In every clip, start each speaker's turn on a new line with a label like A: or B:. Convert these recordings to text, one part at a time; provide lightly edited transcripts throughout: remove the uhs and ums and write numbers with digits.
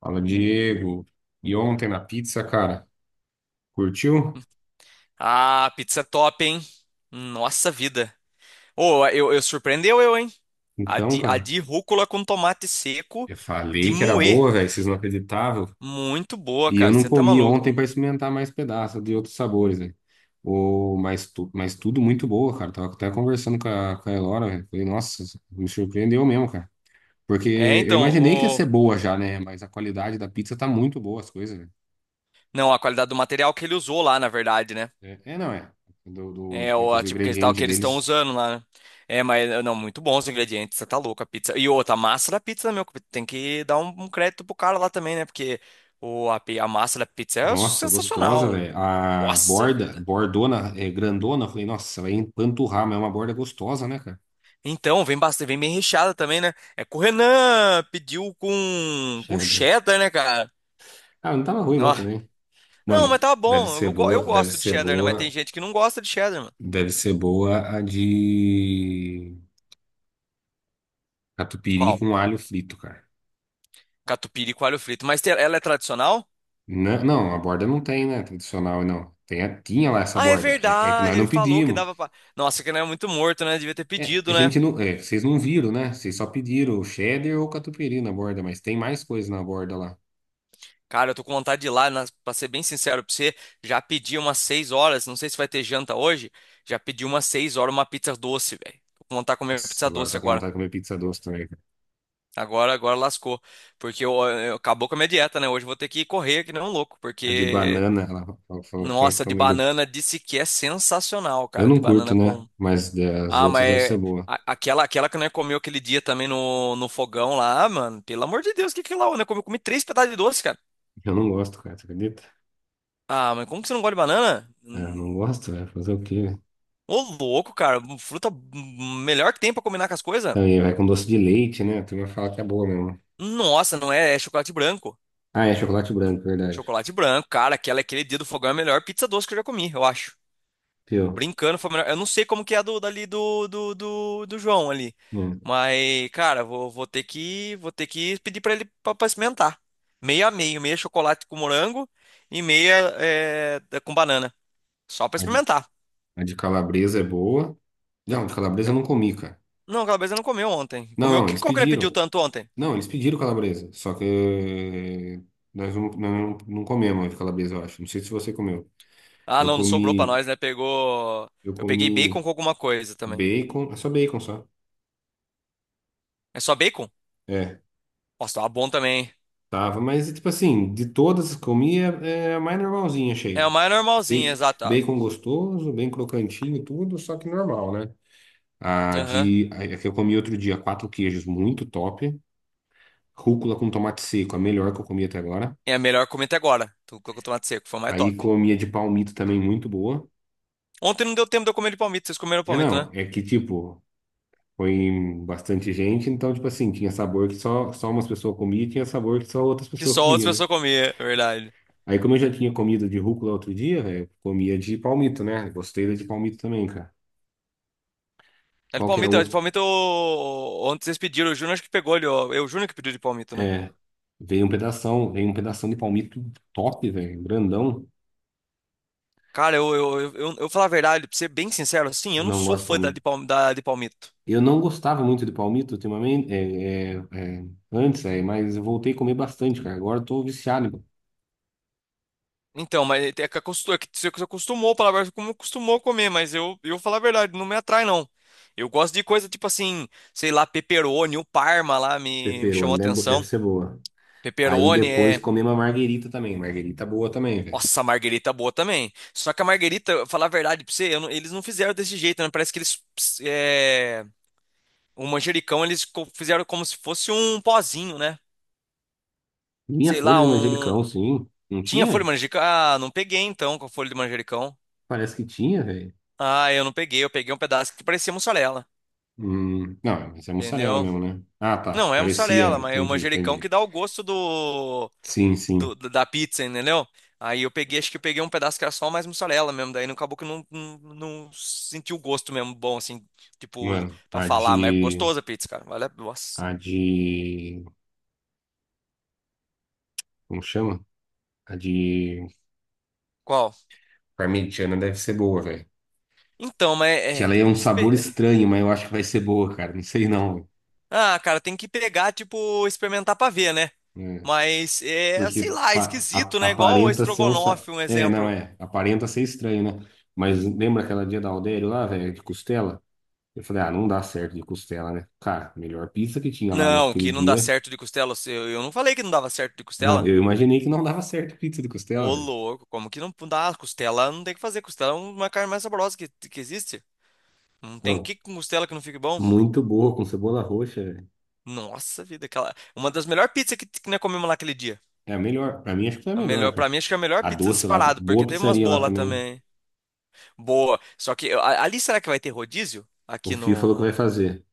A: Fala, Diego. E ontem na pizza, cara, curtiu?
B: Ah, pizza top, hein? Nossa vida. Ô, eu surpreendeu eu, hein? A
A: Então,
B: de, a
A: cara,
B: de rúcula com tomate seco
A: eu
B: de
A: falei que era
B: moer.
A: boa, velho, vocês não acreditavam.
B: Muito boa,
A: E eu
B: cara.
A: não
B: Você tá
A: comi
B: maluco.
A: ontem pra experimentar mais pedaços de outros sabores, velho. Mas tudo muito boa, cara. Tava até conversando com a Elora, velho. Falei, nossa, me surpreendeu mesmo, cara. Porque
B: É,
A: eu
B: então,
A: imaginei que ia ser
B: o...
A: boa já, né? Mas a qualidade da pizza tá muito boa, as coisas, velho.
B: não, a qualidade do material que ele usou lá, na verdade, né?
A: É, não é.
B: É,
A: Os
B: tipo que eles tal que
A: ingredientes
B: eles estão
A: deles.
B: usando lá, né? É, mas não, muito bons os ingredientes. Você tá louco a pizza. E outra, a massa da pizza, meu, tem que dar um crédito pro cara lá também, né? Porque a massa da pizza é
A: Nossa, gostosa,
B: sensacional.
A: velho. A
B: Nossa
A: borda,
B: vida.
A: bordona, é grandona. Eu falei, nossa, vai empanturrar, mas é uma borda gostosa, né, cara?
B: Então, vem bastante, vem bem recheada também, né? É com o Renan, pediu com
A: Cheddar.
B: cheddar, né, cara?
A: Ah, não tava ruim não
B: Ó.
A: também.
B: Não,
A: Mano,
B: mas tá
A: deve
B: bom.
A: ser
B: Eu
A: boa, deve
B: gosto de
A: ser
B: cheddar, né? Mas tem
A: boa,
B: gente que não gosta de cheddar, mano.
A: deve ser boa a de catupiry
B: Qual?
A: com alho frito, cara.
B: Catupiry e alho frito. Mas ela é tradicional?
A: Não, não, a borda não tem, né? Tradicional, não. Tem, tinha lá essa
B: Ah, é
A: borda. É, é que nós
B: verdade. Ele
A: não
B: falou que
A: pedimos.
B: dava pra. Nossa, que não é muito morto, né? Devia ter
A: É,
B: pedido, né?
A: vocês não viram, né? Vocês só pediram o cheddar ou o catupiry na borda, mas tem mais coisa na borda lá.
B: Cara, eu tô com vontade de ir lá, pra ser bem sincero pra você. Já pedi umas 6 horas. Não sei se vai ter janta hoje. Já pedi umas seis horas uma pizza doce, velho. Tô com vontade de comer
A: Nossa,
B: pizza
A: agora
B: doce
A: tá com
B: agora.
A: vontade de comer pizza doce também.
B: Agora, agora lascou. Porque acabou com a minha dieta, né? Hoje eu vou ter que correr que nem um louco.
A: A de
B: Porque,
A: banana, ela falou que quer
B: nossa, de
A: comer.
B: banana disse que é sensacional,
A: Eu
B: cara.
A: não
B: De
A: curto,
B: banana
A: né?
B: com.
A: Mas das
B: Ah, mas
A: outras deve ser boa.
B: aquela que nós comeu aquele dia também no fogão lá, ah, mano. Pelo amor de Deus, o que que é lá? Né? Eu comi três pedaços de doce, cara.
A: Eu não gosto, cara, você acredita?
B: Ah, mas como que você não gosta de banana?
A: Ah, eu
B: Hum.
A: não gosto, vai fazer o quê?
B: Ô, louco, cara. Fruta melhor que tem pra combinar com as coisas.
A: Também vai com doce de leite, né? A turma fala que é boa mesmo.
B: Nossa, não é, é chocolate branco.
A: Ah, é chocolate branco, verdade.
B: Chocolate branco, cara. Aquele dia do fogão é a melhor pizza doce que eu já comi, eu acho.
A: Pior.
B: Brincando, foi a melhor. Eu não sei como que é a dali do João ali.
A: Hum.
B: Mas, cara, vou ter que pedir pra ele pra experimentar. Meia a meio, meia chocolate com morango e meia é, com banana. Só pra
A: A de,
B: experimentar.
A: a de calabresa é boa. Não, de calabresa eu não comi, cara.
B: Não, aquela vez eu não comeu ontem.
A: Não,
B: Comeu o
A: não,
B: que
A: eles
B: qual que ele pediu
A: pediram.
B: tanto ontem?
A: Não, eles pediram calabresa. Só que nós não, não comemos a de calabresa, eu acho. Não sei se você comeu.
B: Ah,
A: Eu
B: não, não sobrou pra
A: comi.
B: nós, né? Pegou.
A: Eu
B: Eu peguei bacon
A: comi
B: com alguma coisa também.
A: bacon, é só bacon só.
B: É só bacon?
A: É,
B: Nossa, tava bom também.
A: tava, mas tipo assim, de todas que comi, é a mais normalzinha,
B: É a
A: achei.
B: mais normalzinha,
A: Bacon,
B: exata.
A: bacon gostoso, bem crocantinho, e tudo, só que normal, né?
B: Aham.
A: A que eu comi outro dia, quatro queijos, muito top. Rúcula com tomate seco, a melhor que eu comi até agora.
B: É a melhor comida até agora. Tu colocou tomate seco, foi a mais
A: Aí
B: top.
A: comia de palmito também, muito boa.
B: Ontem não deu tempo de eu comer de palmito. Vocês comeram
A: É,
B: palmito,
A: não,
B: né?
A: é que tipo, foi bastante gente, então tipo assim, tinha sabor que só umas pessoas comiam e tinha sabor que só outras
B: Que
A: pessoas
B: só
A: comiam,
B: outras
A: né?
B: pessoas comiam, é verdade.
A: Aí, como eu já tinha comido de rúcula outro dia, velho, comia de palmito, né? Gostei da de palmito também, cara.
B: É de
A: Qual que é
B: palmito, é de
A: o.
B: palmito. Ontem vocês pediram, o Júnior acho que pegou ali, ó. É o Júnior que pediu de palmito, né?
A: É, veio um pedação de palmito top, velho, grandão.
B: Cara, eu falar a verdade, pra ser bem sincero, assim, eu não
A: Não
B: sou
A: gosto de
B: fã da
A: palmito.
B: de, palm, da de palmito.
A: Eu não gostava muito de palmito ultimamente, é, antes, mas eu voltei a comer bastante, cara. Agora eu tô viciado em
B: Então, mas é que acostumou, que você acostumou, palavra como acostumou a comer, mas eu falar a verdade, não me atrai, não. Eu gosto de coisa tipo assim, sei lá, pepperoni, o Parma lá me chamou
A: pepperoni,
B: a
A: deve
B: atenção.
A: ser boa. Aí
B: Pepperoni
A: depois
B: é.
A: comi uma marguerita também, marguerita boa também, velho.
B: Nossa, a marguerita é boa também. Só que a marguerita, falar a verdade pra você, eu não- eles não fizeram desse jeito, né? Parece que eles. É, o manjericão fizeram como se fosse um pozinho, né?
A: Minha
B: Sei
A: folha
B: lá,
A: de manjericão,
B: um.
A: sim. Não
B: Tinha folha
A: tinha?
B: de manjericão? Ah, não peguei então com a folha de manjericão.
A: Parece que tinha, velho.
B: Ah, eu não peguei, eu peguei um pedaço que parecia mussarela,
A: Não, mas é mussarela
B: entendeu?
A: mesmo, né? Ah, tá. Que
B: Não, é
A: parecia.
B: mussarela, mas é o
A: Entendi,
B: manjericão que
A: entendi.
B: dá o gosto do.
A: Sim, sim.
B: do- da da pizza, entendeu? Aí eu peguei, acho que eu peguei um pedaço que era só mais mussarela mesmo, daí não acabou que eu não senti o gosto mesmo bom, assim, tipo,
A: Mano,
B: pra
A: a
B: falar, mas
A: de.
B: gostosa a pizza, cara. Olha, nossa.
A: A de. Como chama? A de
B: Qual?
A: parmegiana deve ser boa, velho.
B: Então, mas
A: Que
B: é,
A: ela é um
B: tem que,
A: sabor estranho, mas eu acho que vai ser boa, cara. Não sei não,
B: ah, cara, tem que pegar, tipo, experimentar pra ver, né?
A: velho. É,
B: Mas é, sei
A: porque
B: lá, é esquisito, né? Igual o
A: aparenta ser um.
B: estrogonofe, um
A: É, não
B: exemplo.
A: é. Aparenta ser estranho, né? Mas lembra aquela dia da Aldério lá, velho, de costela? Eu falei, ah, não dá certo de costela, né? Cara, melhor pizza que tinha lá
B: Não,
A: naquele
B: que não dá
A: dia.
B: certo de costela. Eu não falei que não dava certo de
A: Não,
B: costela.
A: eu imaginei que não dava certo pizza de costela,
B: Ô,
A: velho.
B: louco, como que não dá? Costela não tem o que fazer. Costela é uma carne mais saborosa que existe. Não tem
A: Não,
B: que com costela que não fique bom.
A: muito boa, com cebola roxa, velho.
B: Nossa vida, aquela. Uma das melhores pizzas que nós comemos lá aquele dia.
A: É a melhor. Pra mim, acho que foi a
B: A
A: melhor,
B: melhor, pra
A: cara.
B: mim, acho que é a melhor
A: A
B: pizza
A: doce lá, tá-
B: disparado,
A: boa
B: porque teve umas
A: pizzaria lá
B: boas lá
A: também.
B: também. Boa. Só que ali será que vai ter rodízio?
A: O
B: Aqui
A: Fio falou que vai
B: no.
A: fazer.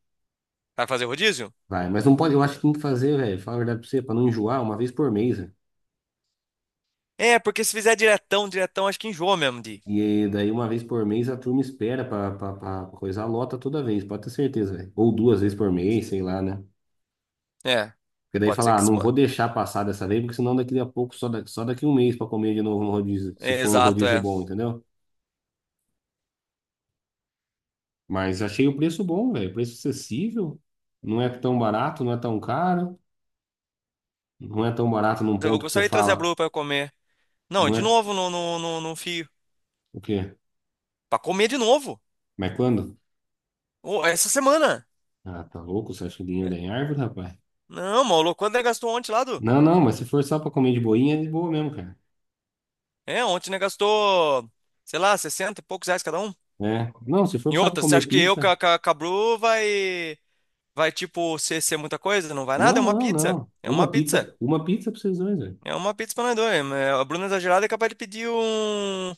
B: Vai fazer rodízio?
A: Vai, mas não pode, eu acho que tem que fazer, velho. Fala a verdade pra você, pra não enjoar, uma vez por mês, velho.
B: É, porque se fizer diretão, diretão, acho que enjoa mesmo de ir.
A: E daí, uma vez por mês, a turma espera pra coisar, lota toda vez, pode ter certeza, velho. Ou duas vezes por mês, sei lá, né?
B: É,
A: Porque daí
B: pode ser
A: fala, ah,
B: que se
A: não vou
B: pode.
A: deixar passar dessa vez, porque senão daqui a pouco, só daqui um mês pra comer de novo no rodízio, se
B: É,
A: for um
B: exato,
A: rodízio
B: é.
A: bom, entendeu? Mas achei o preço bom, velho. Preço acessível. Não é tão barato, não é tão caro. Não é tão barato num
B: Eu
A: ponto que você
B: gostaria de trazer a
A: fala.
B: Blue pra eu comer. Não,
A: Não
B: de
A: é
B: novo no fio.
A: o quê?
B: Pra comer de novo.
A: Mas quando?
B: Ô, essa semana.
A: Ah, tá louco? Você acha que dinheiro
B: É,
A: dá em árvore, rapaz?
B: não, maluco, quanto ele gastou ontem lá, do?
A: Não, não, mas se for só pra comer de boinha, é de boa mesmo, cara.
B: É, ontem ele gastou, sei lá, 60 e poucos reais cada um.
A: É. Não, se for
B: Em
A: só pra
B: outra, você acha
A: comer
B: que eu com
A: pizza.
B: a, com a- com a Bru vai, tipo, ser muita coisa? Não vai nada, é
A: Não,
B: uma
A: não,
B: pizza.
A: não.
B: É uma pizza.
A: Uma pizza pra vocês dois, velho.
B: É uma pizza pra nós dois. É, a Bruna é exagerada é capaz de pedir um,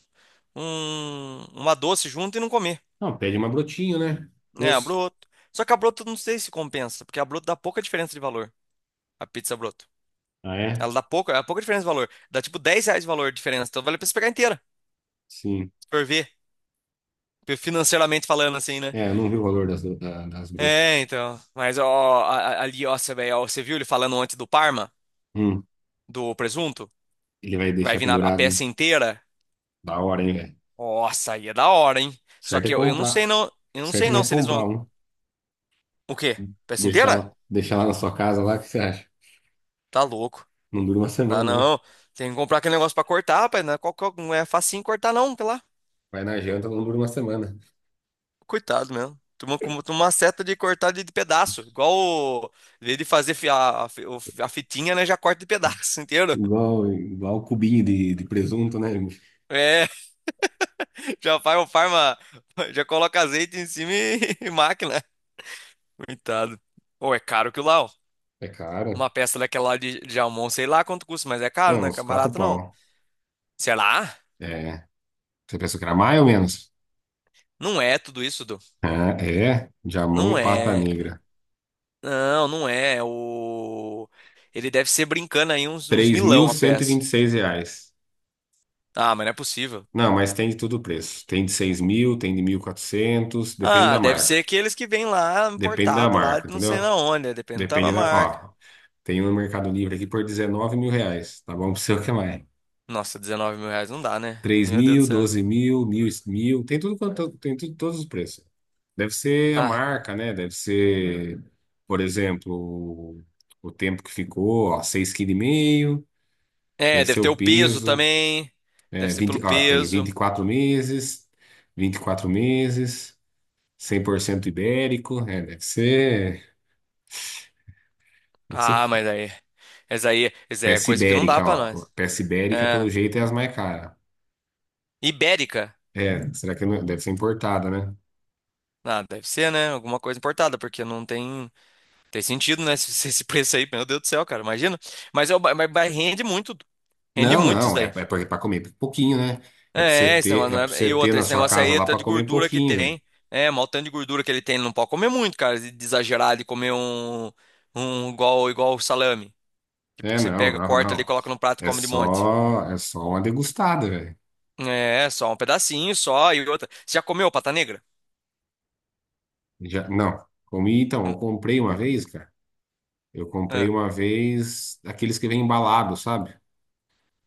B: um, uma doce junto e não comer.
A: Não, pede uma brotinho, né?
B: É, a
A: Doce.
B: broto. Só que a broto não sei se compensa, porque a broto dá pouca diferença de valor. A pizza broto.
A: Ah, é?
B: Ela dá pouca, é pouca diferença de valor. Dá tipo R$ 10 de valor de diferença, então vale a pena você pegar inteira.
A: Sim.
B: Por ver, financeiramente falando assim, né?
A: É, eu não vi o valor das, das broto.
B: É, então. Mas ó, ali, ó, você vê, ó, você viu ele falando antes do Parma,
A: Hum,
B: do presunto,
A: ele vai
B: que vai
A: deixar
B: vir a
A: pendurado, né?
B: peça inteira?
A: Da hora, hein, velho?
B: Nossa, aí é da hora, hein? Só
A: Certo é
B: que eu não
A: comprar. O
B: sei não, eu não sei
A: certo não
B: não
A: é
B: se eles
A: comprar
B: vão.
A: um.
B: O quê? Peça inteira?
A: Deixar lá na sua casa lá, o que você acha?
B: Tá louco.
A: Não dura uma
B: Não,
A: semana, né?
B: não. Tem que comprar aquele negócio pra cortar, rapaz. Não é, qual, não é facinho cortar, não, tá lá.
A: Vai na janta, não dura uma semana.
B: Coitado mesmo. Toma, toma uma seta de cortar de pedaço. Igual o, em vez de fazer a fitinha, né? Já corta de pedaço inteiro.
A: Igual, igual o cubinho de presunto, né?
B: É. Já faz o farma, já coloca azeite em cima e, e máquina. Coitado. Ou é caro que lá, ó.
A: É caro.
B: Uma peça daquela lá de Almon, sei lá quanto custa, mas é caro,
A: Não,
B: né? Que
A: uns
B: é
A: quatro
B: barato não.
A: pau.
B: Sei lá,
A: É. Você pensou que era mais ou menos?
B: não é tudo isso, Du.
A: Ah, é.
B: Não
A: Jamon Pata
B: é.
A: Negra.
B: Não, não é. O... Ele deve ser brincando aí uns, uns
A: Três mil
B: milão a
A: cento e
B: peça.
A: vinte e seis reais.
B: Ah, mas não é possível.
A: Não, mas tem de todo o preço. Tem de 6.000, tem de 1.400 depende
B: Ah,
A: da
B: deve
A: marca.
B: ser aqueles que vêm lá
A: Depende da
B: importado lá
A: marca,
B: de não sei na
A: entendeu?
B: onde, né? Depende da
A: Depende da.
B: marca.
A: Ó, tem um no Mercado Livre aqui por 19 mil reais. Tá bom? Pra você o que mais?
B: Nossa, R$ 19.000 não dá, né?
A: três
B: Meu Deus do
A: mil,
B: céu.
A: doze mil, mil, mil. Tem tudo quanto, tem tudo, todos os preços. Deve ser a
B: Ah,
A: marca, né? Deve ser, por exemplo, o o tempo que ficou, ó, 6,5 kg.
B: é,
A: Deve ser
B: deve ter
A: o
B: o peso
A: peso.
B: também.
A: É,
B: Deve ser
A: 20,
B: pelo
A: ó, tem vinte e
B: peso.
A: quatro meses, 24 meses, 100% ibérico. É, deve ser
B: Ah, mas aí. Essa aí, essa aí é
A: peça
B: coisa que não dá
A: ibérica,
B: pra
A: ó.
B: nós.
A: Peça ibérica, pelo
B: É.
A: jeito, é as mais caras.
B: Ibérica.
A: É, será que não- deve ser importada, né?
B: Ah, deve ser, né? Alguma coisa importada, porque não tem, tem sentido, né? Esse preço aí, meu Deus do céu, cara, imagina. Mas, é mas rende
A: Não,
B: muito isso
A: não, é,
B: daí.
A: é para comer pouquinho, né? É para você
B: É, esse
A: ter,
B: negócio
A: é para
B: não é- E
A: você ter
B: outra,
A: na
B: esse
A: sua
B: negócio
A: casa
B: aí,
A: lá
B: tá
A: para
B: de
A: comer
B: gordura que
A: pouquinho, velho.
B: tem. É, mal tanto de gordura que ele tem, ele não pode comer muito, cara, de exagerar, de comer um igual, igual salame. Tipo,
A: É,
B: que você
A: não,
B: pega,
A: não,
B: corta ali,
A: não.
B: coloca no prato e come de monte.
A: É só uma degustada, velho.
B: É, só um pedacinho só e outra. Você já comeu pata negra?
A: Já, não, comi então,
B: Hum,
A: eu comprei uma vez, cara. Eu comprei
B: é.
A: uma vez aqueles que vem embalado, sabe?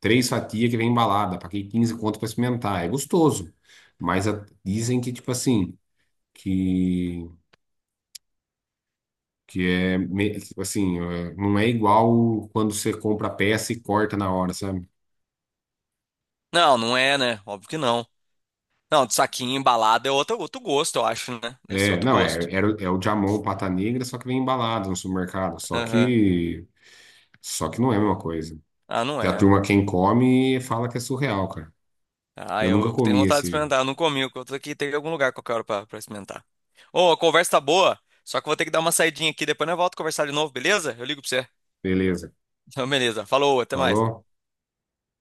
A: Três fatias que vem embalada, paguei 15 conto para experimentar. É gostoso, mas a- dizem que tipo assim, que que é, me- tipo assim, é, não é igual quando você compra a peça e corta na hora, sabe?
B: Não, não é, né? Óbvio que não. Não, de saquinho embalado é outro gosto, eu acho, né? Deve ser
A: É,
B: outro
A: não,
B: gosto.
A: é, era o- é o jamon pata negra, só que vem embalado no supermercado.
B: Aham.
A: Só que não é a mesma coisa.
B: Ah, não
A: Que a
B: é.
A: turma, quem come, fala que é surreal, cara.
B: Ah,
A: Eu
B: eu,
A: nunca
B: eu tenho
A: comi
B: vontade de
A: esse.
B: experimentar. Eu não comi, eu tô aqui, tem algum lugar qualquer hora pra experimentar. Ô, a conversa tá boa, só que eu vou ter que dar uma saidinha aqui, depois nós volto a conversar de novo, beleza? Eu ligo pra você.
A: Beleza.
B: Então, beleza. Falou, até
A: Falou?
B: mais.